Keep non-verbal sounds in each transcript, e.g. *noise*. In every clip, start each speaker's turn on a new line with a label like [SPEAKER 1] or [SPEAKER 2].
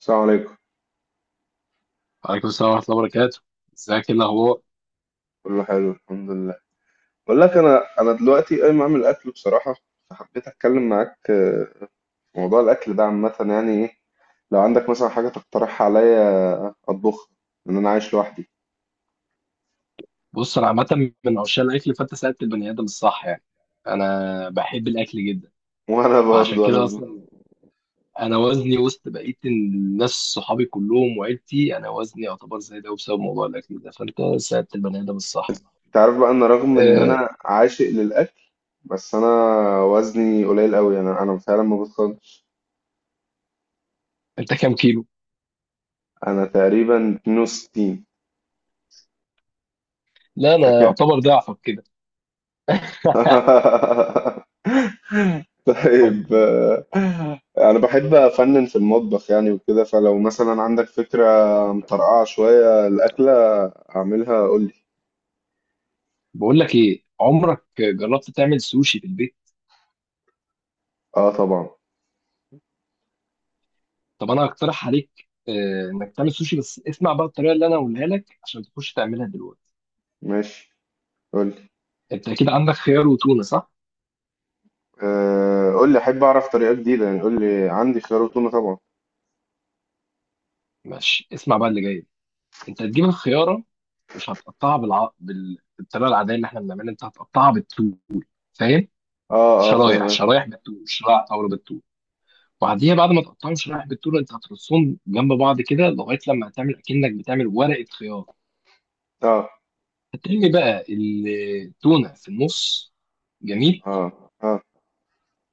[SPEAKER 1] السلام عليكم.
[SPEAKER 2] وعليكم السلام ورحمة الله وبركاته. ازيك، ايه الأخبار؟
[SPEAKER 1] كله حلو الحمد لله. بقول لك انا دلوقتي قايم اعمل اكل بصراحه، فحبيت اتكلم معاك في موضوع الاكل ده عامه. يعني ايه لو عندك مثلا حاجه تقترحها عليا اطبخها، لان انا عايش لوحدي.
[SPEAKER 2] بص، أنا عامة من عشاق الأكل، فأنت سألت البني آدم الصح. يعني أنا بحب الأكل جدا،
[SPEAKER 1] *laughs* وانا
[SPEAKER 2] فعشان
[SPEAKER 1] برضو
[SPEAKER 2] كده أصلا أنا وزني وسط بقية الناس، صحابي كلهم وعيلتي. أنا وزني يعتبر زي ده بسبب موضوع الأكل ده، فأنت سألت البني آدم الصح.
[SPEAKER 1] انت عارف بقى ان رغم ان
[SPEAKER 2] أه.
[SPEAKER 1] انا عاشق للاكل، بس انا وزني قليل قوي. انا فعلا ما بتخنش.
[SPEAKER 2] أنت كام كيلو؟
[SPEAKER 1] انا تقريبا 62.
[SPEAKER 2] لا، أنا يعتبر ضعفك كده.
[SPEAKER 1] *laughs* طيب. انا بحب افنن في المطبخ يعني وكده، فلو مثلا عندك فكرة مطرقعة شوية الاكلة اعملها قولي.
[SPEAKER 2] بقول لك إيه، عمرك جربت تعمل سوشي في البيت؟
[SPEAKER 1] اه طبعا.
[SPEAKER 2] طب أنا هقترح عليك، إنك تعمل سوشي، بس اسمع بقى الطريقة اللي أنا هقولها لك عشان تخش تعملها دلوقتي.
[SPEAKER 1] ماشي، قولي.
[SPEAKER 2] انت اكيد عندك خيار وتونه، صح؟
[SPEAKER 1] آه، قولي، احب اعرف طريقة جديدة. يعني قولي، عندي خيار وتونة طبعا.
[SPEAKER 2] ماشي، اسمع بقى اللي جاي. انت هتجيب الخياره، مش هتقطعها بالطريقه العاديه اللي احنا بنعملها. انت هتقطعها بالطول، فاهم؟
[SPEAKER 1] اه، اه، فاهم
[SPEAKER 2] شرايح
[SPEAKER 1] أوي.
[SPEAKER 2] شرايح بالطول، شرايح طاوله بالطول. وبعديها بعد ما تقطعهم شرايح بالطول، انت هترصهم جنب بعض كده لغايه لما هتعمل اكنك بتعمل ورقه خيار.
[SPEAKER 1] اه،
[SPEAKER 2] هترمي بقى التونه في النص. جميل.
[SPEAKER 1] اه، اه.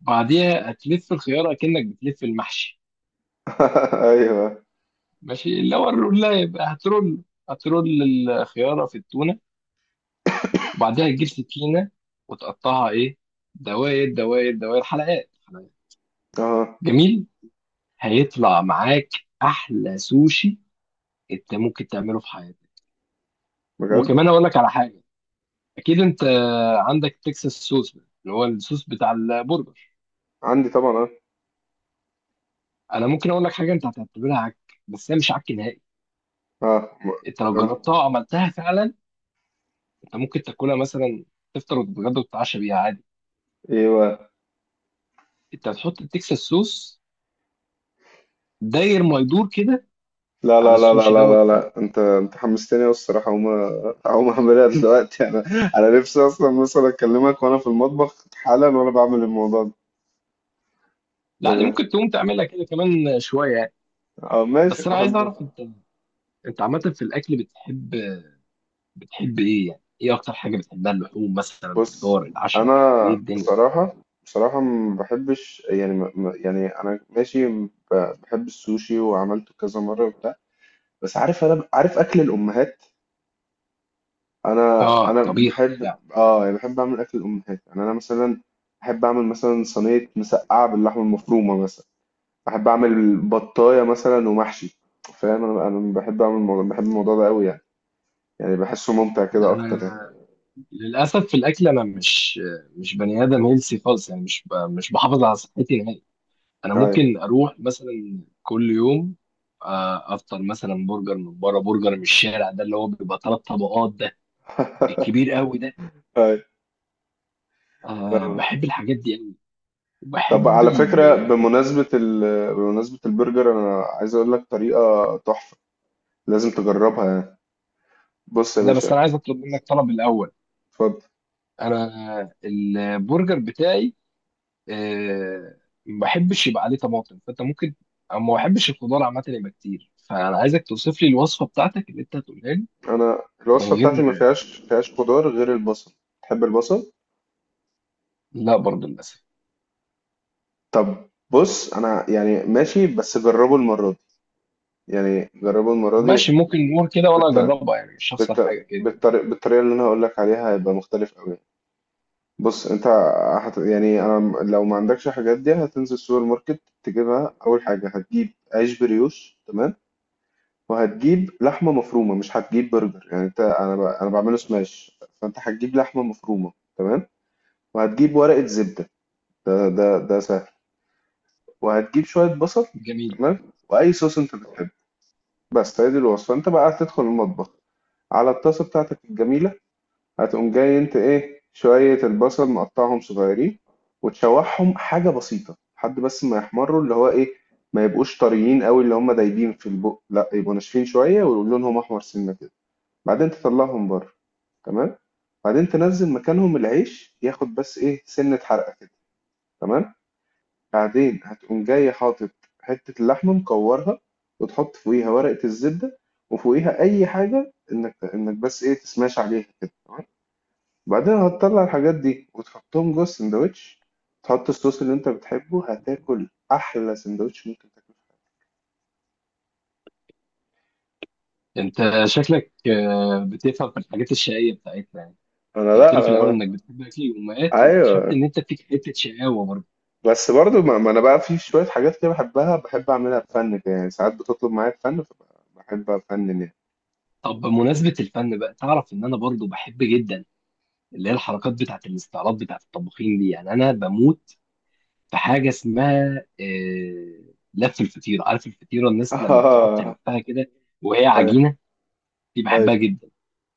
[SPEAKER 2] بعديها هتلف الخياره اكنك بتلف المحشي.
[SPEAKER 1] *laughs* ايوه.
[SPEAKER 2] ماشي، اللي هو الرولايه بقى. هترول الخياره في التونه. وبعدها تجيب سكينة، وتقطعها إيه؟ دوائر دوائر دوائر، حلقات حلقات.
[SPEAKER 1] اه،
[SPEAKER 2] جميل. هيطلع معاك أحلى سوشي أنت ممكن تعمله في حياتك.
[SPEAKER 1] بجد.
[SPEAKER 2] وكمان أقول لك على حاجة. أكيد أنت عندك تكساس صوص ده، اللي هو الصوص بتاع البرجر.
[SPEAKER 1] عندي طبعا اه.
[SPEAKER 2] أنا ممكن أقول لك حاجة أنت هتعتبرها عك، بس هي مش عك نهائي.
[SPEAKER 1] اه،
[SPEAKER 2] أنت لو
[SPEAKER 1] قولي.
[SPEAKER 2] جربتها وعملتها فعلا، أنت ممكن تاكلها مثلا، تفطر وتتغدى وتتعشى بيها عادي.
[SPEAKER 1] ايوه.
[SPEAKER 2] أنت هتحط التكساس صوص داير ما يدور كده
[SPEAKER 1] لا،
[SPEAKER 2] على
[SPEAKER 1] لا، لا، لا،
[SPEAKER 2] السوشي
[SPEAKER 1] لا،
[SPEAKER 2] دوت.
[SPEAKER 1] لا، لا، انت حمستني أوي الصراحه. هقوم اعملها دلوقتي. *laughs* انا نفسي اصلا مثلا اكلمك وانا في المطبخ حالا وانا بعمل الموضوع ده.
[SPEAKER 2] لا، دي
[SPEAKER 1] اه.
[SPEAKER 2] ممكن تقوم تعملها كده كمان شويه يعني.
[SPEAKER 1] ماشي،
[SPEAKER 2] بس انا عايز
[SPEAKER 1] احب.
[SPEAKER 2] اعرف انت عامه في الاكل بتحب ايه؟ يعني ايه اكتر حاجه بتحبها؟ اللحوم مثلا،
[SPEAKER 1] بص،
[SPEAKER 2] الفطار،
[SPEAKER 1] انا
[SPEAKER 2] العشاء، ايه الدنيا؟
[SPEAKER 1] بصراحه، ما بحبش يعني، يعني انا ماشي. بحب السوشي وعملته كذا مره وبتاع، بس عارف انا عارف اكل الامهات. انا
[SPEAKER 2] اه،
[SPEAKER 1] انا
[SPEAKER 2] طبيخ
[SPEAKER 1] بحب.
[SPEAKER 2] وبتاع.
[SPEAKER 1] اه، يعني بحب اعمل اكل الامهات، يعني انا مثلا بحب اعمل مثلا صينيه مسقعه باللحمه المفرومه مثلا. بحب اعمل بطايه مثلا ومحشي. فاهم؟ انا بحب اعمل الموضوع، بحب الموضوع ده قوي يعني بحسه ممتع
[SPEAKER 2] لا
[SPEAKER 1] كده اكتر يعني.
[SPEAKER 2] انا للاسف في الاكل انا مش بني ادم هيلسي خالص، يعني مش بحافظ على صحتي نهائي. انا
[SPEAKER 1] اي،
[SPEAKER 2] ممكن اروح مثلا كل يوم، افطر مثلا برجر من بره، برجر من الشارع ده اللي هو بيبقى 3 طبقات ده، الكبير قوي ده.
[SPEAKER 1] اي. آه.
[SPEAKER 2] بحب الحاجات دي.
[SPEAKER 1] طب
[SPEAKER 2] وبحب
[SPEAKER 1] على
[SPEAKER 2] ال
[SPEAKER 1] فكره، بمناسبه بمناسبه البرجر، انا عايز اقول لك طريقه تحفه، لازم تجربها يعني. بص يا
[SPEAKER 2] لا بس
[SPEAKER 1] باشا.
[SPEAKER 2] انا عايز اطلب منك طلب الاول.
[SPEAKER 1] اتفضل.
[SPEAKER 2] انا البرجر بتاعي آه، ما بحبش يبقى عليه طماطم، فانت ممكن، أو ما بحبش الخضار عامه يبقى كتير، فانا عايزك توصف لي الوصفه بتاعتك اللي انت هتقولها لي.
[SPEAKER 1] انا
[SPEAKER 2] من
[SPEAKER 1] الوصفه بتاعتي
[SPEAKER 2] غير.
[SPEAKER 1] ما فيهاش خضار غير البصل. تحب البصل؟
[SPEAKER 2] لا برضه للاسف. طب،
[SPEAKER 1] طب بص، انا يعني ماشي، بس جربه المره دي، يعني جربه المره
[SPEAKER 2] هقول
[SPEAKER 1] دي.
[SPEAKER 2] ماشي لك، ممكن نقول كده وانا اجربها يعني، مش هخسر حاجه كده كده.
[SPEAKER 1] بالطريقة اللي انا هقول لك عليها هيبقى مختلف قوي. بص، انت يعني لو ما عندكش الحاجات دي هتنزل السوبر ماركت تجيبها. اول حاجة هتجيب عيش بريوش، تمام. وهتجيب لحمة مفرومة، مش هتجيب برجر يعني انت، انا بعمله سماش. فانت هتجيب لحمة مفرومة، تمام. وهتجيب ورقة زبدة، ده سهل. وهتجيب شوية بصل،
[SPEAKER 2] جميل.
[SPEAKER 1] تمام. واي صوص انت بتحبه. بس هي دي الوصفة. انت بقى هتدخل المطبخ، على الطاسة بتاعتك الجميلة. هتقوم جاي، انت ايه، شوية البصل مقطعهم صغيرين، وتشوحهم حاجة بسيطة لحد بس ما يحمروا، اللي هو ايه، ما يبقوش طريين قوي اللي هم دايبين في البق، لا، يبقوا ناشفين شوية ولونهم احمر سنة كده. بعدين تطلعهم بره، تمام. بعدين تنزل مكانهم العيش، ياخد بس ايه سنة حرقة كده، تمام. بعدين هتقوم جاي حاطط حتة اللحمة مكورها، وتحط فوقيها ورقة الزبدة، وفوقيها أي حاجة، إنك بس إيه تسماش عليها كده، تمام. بعدين هتطلع الحاجات دي وتحطهم جوه السندوتش. تحط الصوص اللي انت بتحبه، هتاكل احلى سندوتش ممكن تاكله.
[SPEAKER 2] انت شكلك بتفهم في الحاجات الشقيه بتاعتنا يعني. انت
[SPEAKER 1] انا،
[SPEAKER 2] قلت
[SPEAKER 1] لا،
[SPEAKER 2] لي في الاول انك بتحب اكل الامهات، واكتشفت
[SPEAKER 1] ايوه،
[SPEAKER 2] ان انت فيك حته شقاوه برضه.
[SPEAKER 1] بس برضو ما, ما انا بقى في شويه حاجات كده بحبها، بحب اعملها بفن كده يعني. ساعات بتطلب معايا بفن، فبحب افنن يعني.
[SPEAKER 2] طب بمناسبة الفن بقى، تعرف إن أنا برضو بحب جدا اللي هي الحركات بتاعة الاستعراض بتاعة الطباخين دي؟ يعني أنا بموت في حاجة اسمها لف الفطيرة. عارف الفطيرة الناس لما بتقعد
[SPEAKER 1] *laughs* اه.
[SPEAKER 2] تلفها كده وهي
[SPEAKER 1] ايوه،
[SPEAKER 2] عجينة؟ دي بحبها
[SPEAKER 1] ايوه،
[SPEAKER 2] جدا.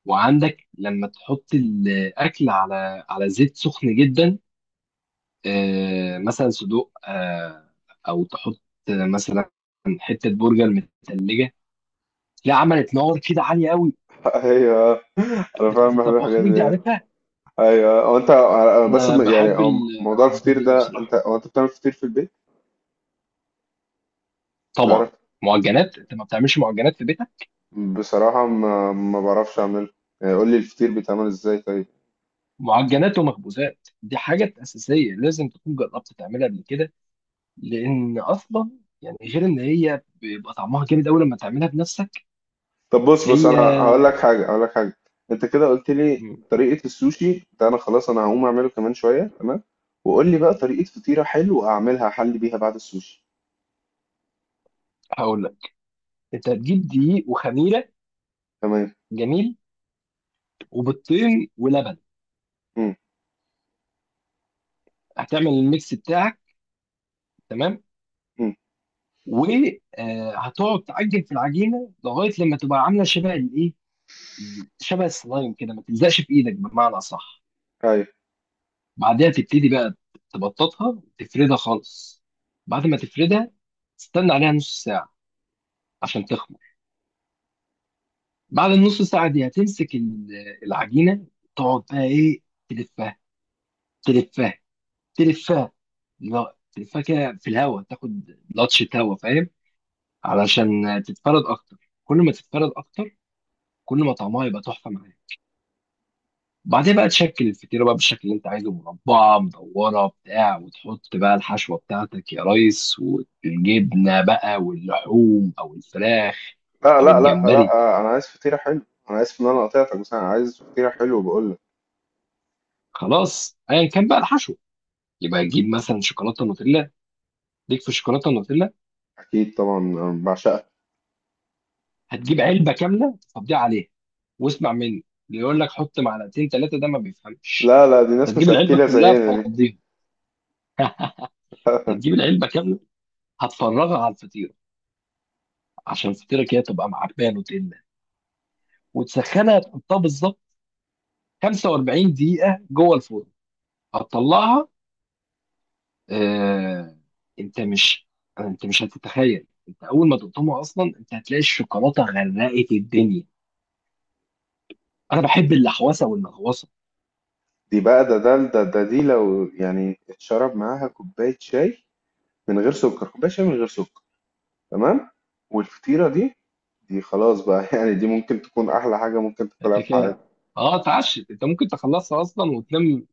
[SPEAKER 2] وعندك لما تحط الأكل على زيت سخن جدا، مثلا صدوق، أو تحط مثلا حتة برجر متلجة، لا عملت نار كده عالية قوي،
[SPEAKER 1] ايوه، انا فعلا
[SPEAKER 2] بتاعة
[SPEAKER 1] بحب الحاجات
[SPEAKER 2] الطباخين دي،
[SPEAKER 1] دي.
[SPEAKER 2] عارفها؟
[SPEAKER 1] ايوه، هو انت، بس
[SPEAKER 2] انا
[SPEAKER 1] يعني
[SPEAKER 2] بحب
[SPEAKER 1] هو موضوع
[SPEAKER 2] الحركات
[SPEAKER 1] الفطير
[SPEAKER 2] دي قوي
[SPEAKER 1] ده،
[SPEAKER 2] بصراحه.
[SPEAKER 1] هو انت بتعمل فطير في البيت؟
[SPEAKER 2] طبعا.
[SPEAKER 1] تعرف،
[SPEAKER 2] معجنات، انت ما بتعملش معجنات في بيتك؟
[SPEAKER 1] بصراحة ما ما بعرفش اعمل. يعني قول لي الفطير بيتعمل ازاي طيب؟
[SPEAKER 2] معجنات ومخبوزات دي حاجه اساسيه، لازم تكون جربت تعملها قبل كده، لان اصلا يعني، غير ان هي بيبقى طعمها جامد قوي لما تعملها بنفسك.
[SPEAKER 1] طب بص، انا
[SPEAKER 2] هي
[SPEAKER 1] هقول لك حاجة انت كده قلت لي
[SPEAKER 2] مم.
[SPEAKER 1] طريقة السوشي ده، انا خلاص انا هقوم اعمله كمان شوية، تمام. وقول لي بقى طريقة فطيرة حلوة اعملها، حل بيها بعد السوشي.
[SPEAKER 2] هقول لك، انت هتجيب دقيق وخميره.
[SPEAKER 1] تمام.
[SPEAKER 2] جميل. وبيضتين ولبن.
[SPEAKER 1] امم
[SPEAKER 2] هتعمل الميكس بتاعك. تمام.
[SPEAKER 1] امم
[SPEAKER 2] وهتقعد تعجن في العجينه لغايه لما تبقى عامله شبه الايه، شبه السلايم كده، ما تلزقش في ايدك بمعنى صح.
[SPEAKER 1] ايوه.
[SPEAKER 2] بعدها تبتدي بقى تبططها وتفردها خالص. بعد ما تفردها، تستنى عليها نص ساعة عشان تخمر. بعد النص ساعة دي هتمسك العجينة، تقعد بقى ايه، تلفها، تلفها، تلفها. لا، تلفها كده في الهواء، تاخد لطشة هواء، فاهم؟ علشان تتفرد اكتر، كل ما تتفرد اكتر، كل ما طعمها يبقى تحفة معاك. بعدين بقى تشكل الفطيره بقى بالشكل اللي انت عايزه، مربعه، مدوره، بتاع، وتحط بقى الحشوه بتاعتك يا ريس، والجبنه بقى، واللحوم او الفراخ
[SPEAKER 1] لا،
[SPEAKER 2] او
[SPEAKER 1] لا، لا،
[SPEAKER 2] الجمبري.
[SPEAKER 1] لا، انا عايز فطيرة حلوة. انا عايز ان انا قطعتك، بس انا عايز فطيرة حلوة بقول لك.
[SPEAKER 2] خلاص ايا كان بقى الحشو، يبقى تجيب مثلا شوكولاته نوتيلا. ليك في الشوكولاته النوتيلا؟
[SPEAKER 1] اكيد طبعا، أنا بعشقها.
[SPEAKER 2] هتجيب علبه كامله تفضيها عليها. واسمع مني، اللي يقول لك حط معلقتين ثلاثه ده ما بيفهمش.
[SPEAKER 1] لا، لا، دي
[SPEAKER 2] انت
[SPEAKER 1] ناس مش
[SPEAKER 2] تجيب العلبه
[SPEAKER 1] اكيلة
[SPEAKER 2] كلها
[SPEAKER 1] زينا دي.
[SPEAKER 2] تفضيها،
[SPEAKER 1] *laughs*
[SPEAKER 2] تجيب العلبه كامله، هتفرغها على الفطيره عشان الفطيره كده تبقى معبيه نوتيلا، وتسخنها تحطها بالظبط 45 دقيقة جوه الفرن. هتطلعها آه... انت مش انت مش هتتخيل، انت اول ما تقطمها اصلا انت هتلاقي الشوكولاتة غرقت الدنيا. انا بحب اللحوسة والمغوصة.
[SPEAKER 1] دي بقى ده ده ده, ده دي لو يعني اتشرب معاها كوباية شاي من غير سكر، كوباية شاي من غير سكر، تمام. والفطيرة دي، خلاص بقى *laughs* يعني دي ممكن تكون أحلى حاجة ممكن تاكلها
[SPEAKER 2] انت
[SPEAKER 1] في
[SPEAKER 2] كده
[SPEAKER 1] حياتك.
[SPEAKER 2] اه اتعشت، انت ممكن تخلصها اصلا وتنام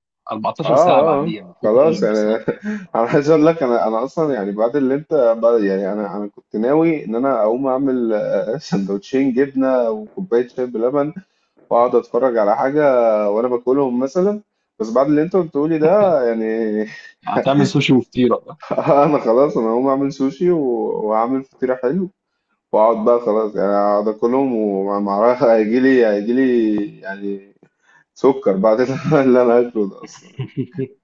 [SPEAKER 1] آه،
[SPEAKER 2] 14 ساعة
[SPEAKER 1] آه، آه.
[SPEAKER 2] بعديها من كتر
[SPEAKER 1] خلاص يعني.
[SPEAKER 2] الانبساط يعني.
[SPEAKER 1] *laughs* أنا عايز أقول لك، أنا أصلا يعني بعد اللي أنت، بعد يعني أنا كنت ناوي إن أنا أقوم أعمل *laughs* سندوتشين جبنة وكوباية شاي بلبن، وأقعد أتفرج على حاجة وأنا باكلهم مثلا. بس بعد اللي أنت قلته لي
[SPEAKER 2] *laughs*
[SPEAKER 1] ده يعني
[SPEAKER 2] هتعمل سوشي وفطيرة.
[SPEAKER 1] *laughs* انا خلاص انا هقوم اعمل سوشي واعمل فطيرة حلو، واقعد بقى خلاص يعني اقعد اكلهم. ومعرفش، هيجي لي يعني سكر بعد *laughs* اللي انا اكله ده اصلا.
[SPEAKER 2] *laughs*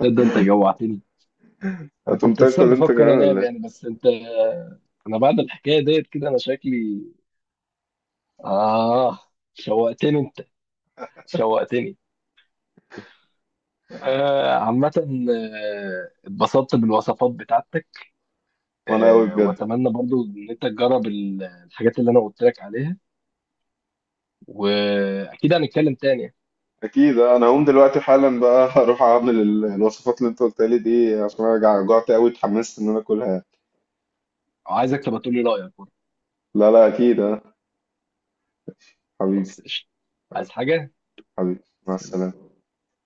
[SPEAKER 2] ده انت جوعتني. انا
[SPEAKER 1] هتقوم
[SPEAKER 2] كنت اساسا
[SPEAKER 1] تاكل انت
[SPEAKER 2] بفكر
[SPEAKER 1] كمان ولا
[SPEAKER 2] انام يعني،
[SPEAKER 1] ايه؟
[SPEAKER 2] بس انت. انا بعد الحكايه ديت كده انا شكلي آه شوقتني أنت، شوقتني. عامة، اتبسطت بالوصفات بتاعتك.
[SPEAKER 1] وانا قوي بجد.
[SPEAKER 2] وأتمنى برضو إن أنت تجرب الحاجات اللي أنا قلت لك عليها، وأكيد هنتكلم تاني.
[SPEAKER 1] اكيد، أه. انا هقوم دلوقتي حالا بقى *laughs* هروح اعمل الوصفات اللي انت قلتها لي دي، عشان انا جعت قوي، اتحمست ان انا اكلها.
[SPEAKER 2] عايزك تبقى تقول لي رأيك برضو.
[SPEAKER 1] لا، لا، اكيد اه. حبيبي.
[SPEAKER 2] خلاص، قشطة. عايز حاجة؟
[SPEAKER 1] حبيبي. مع
[SPEAKER 2] سلام.
[SPEAKER 1] السلامة.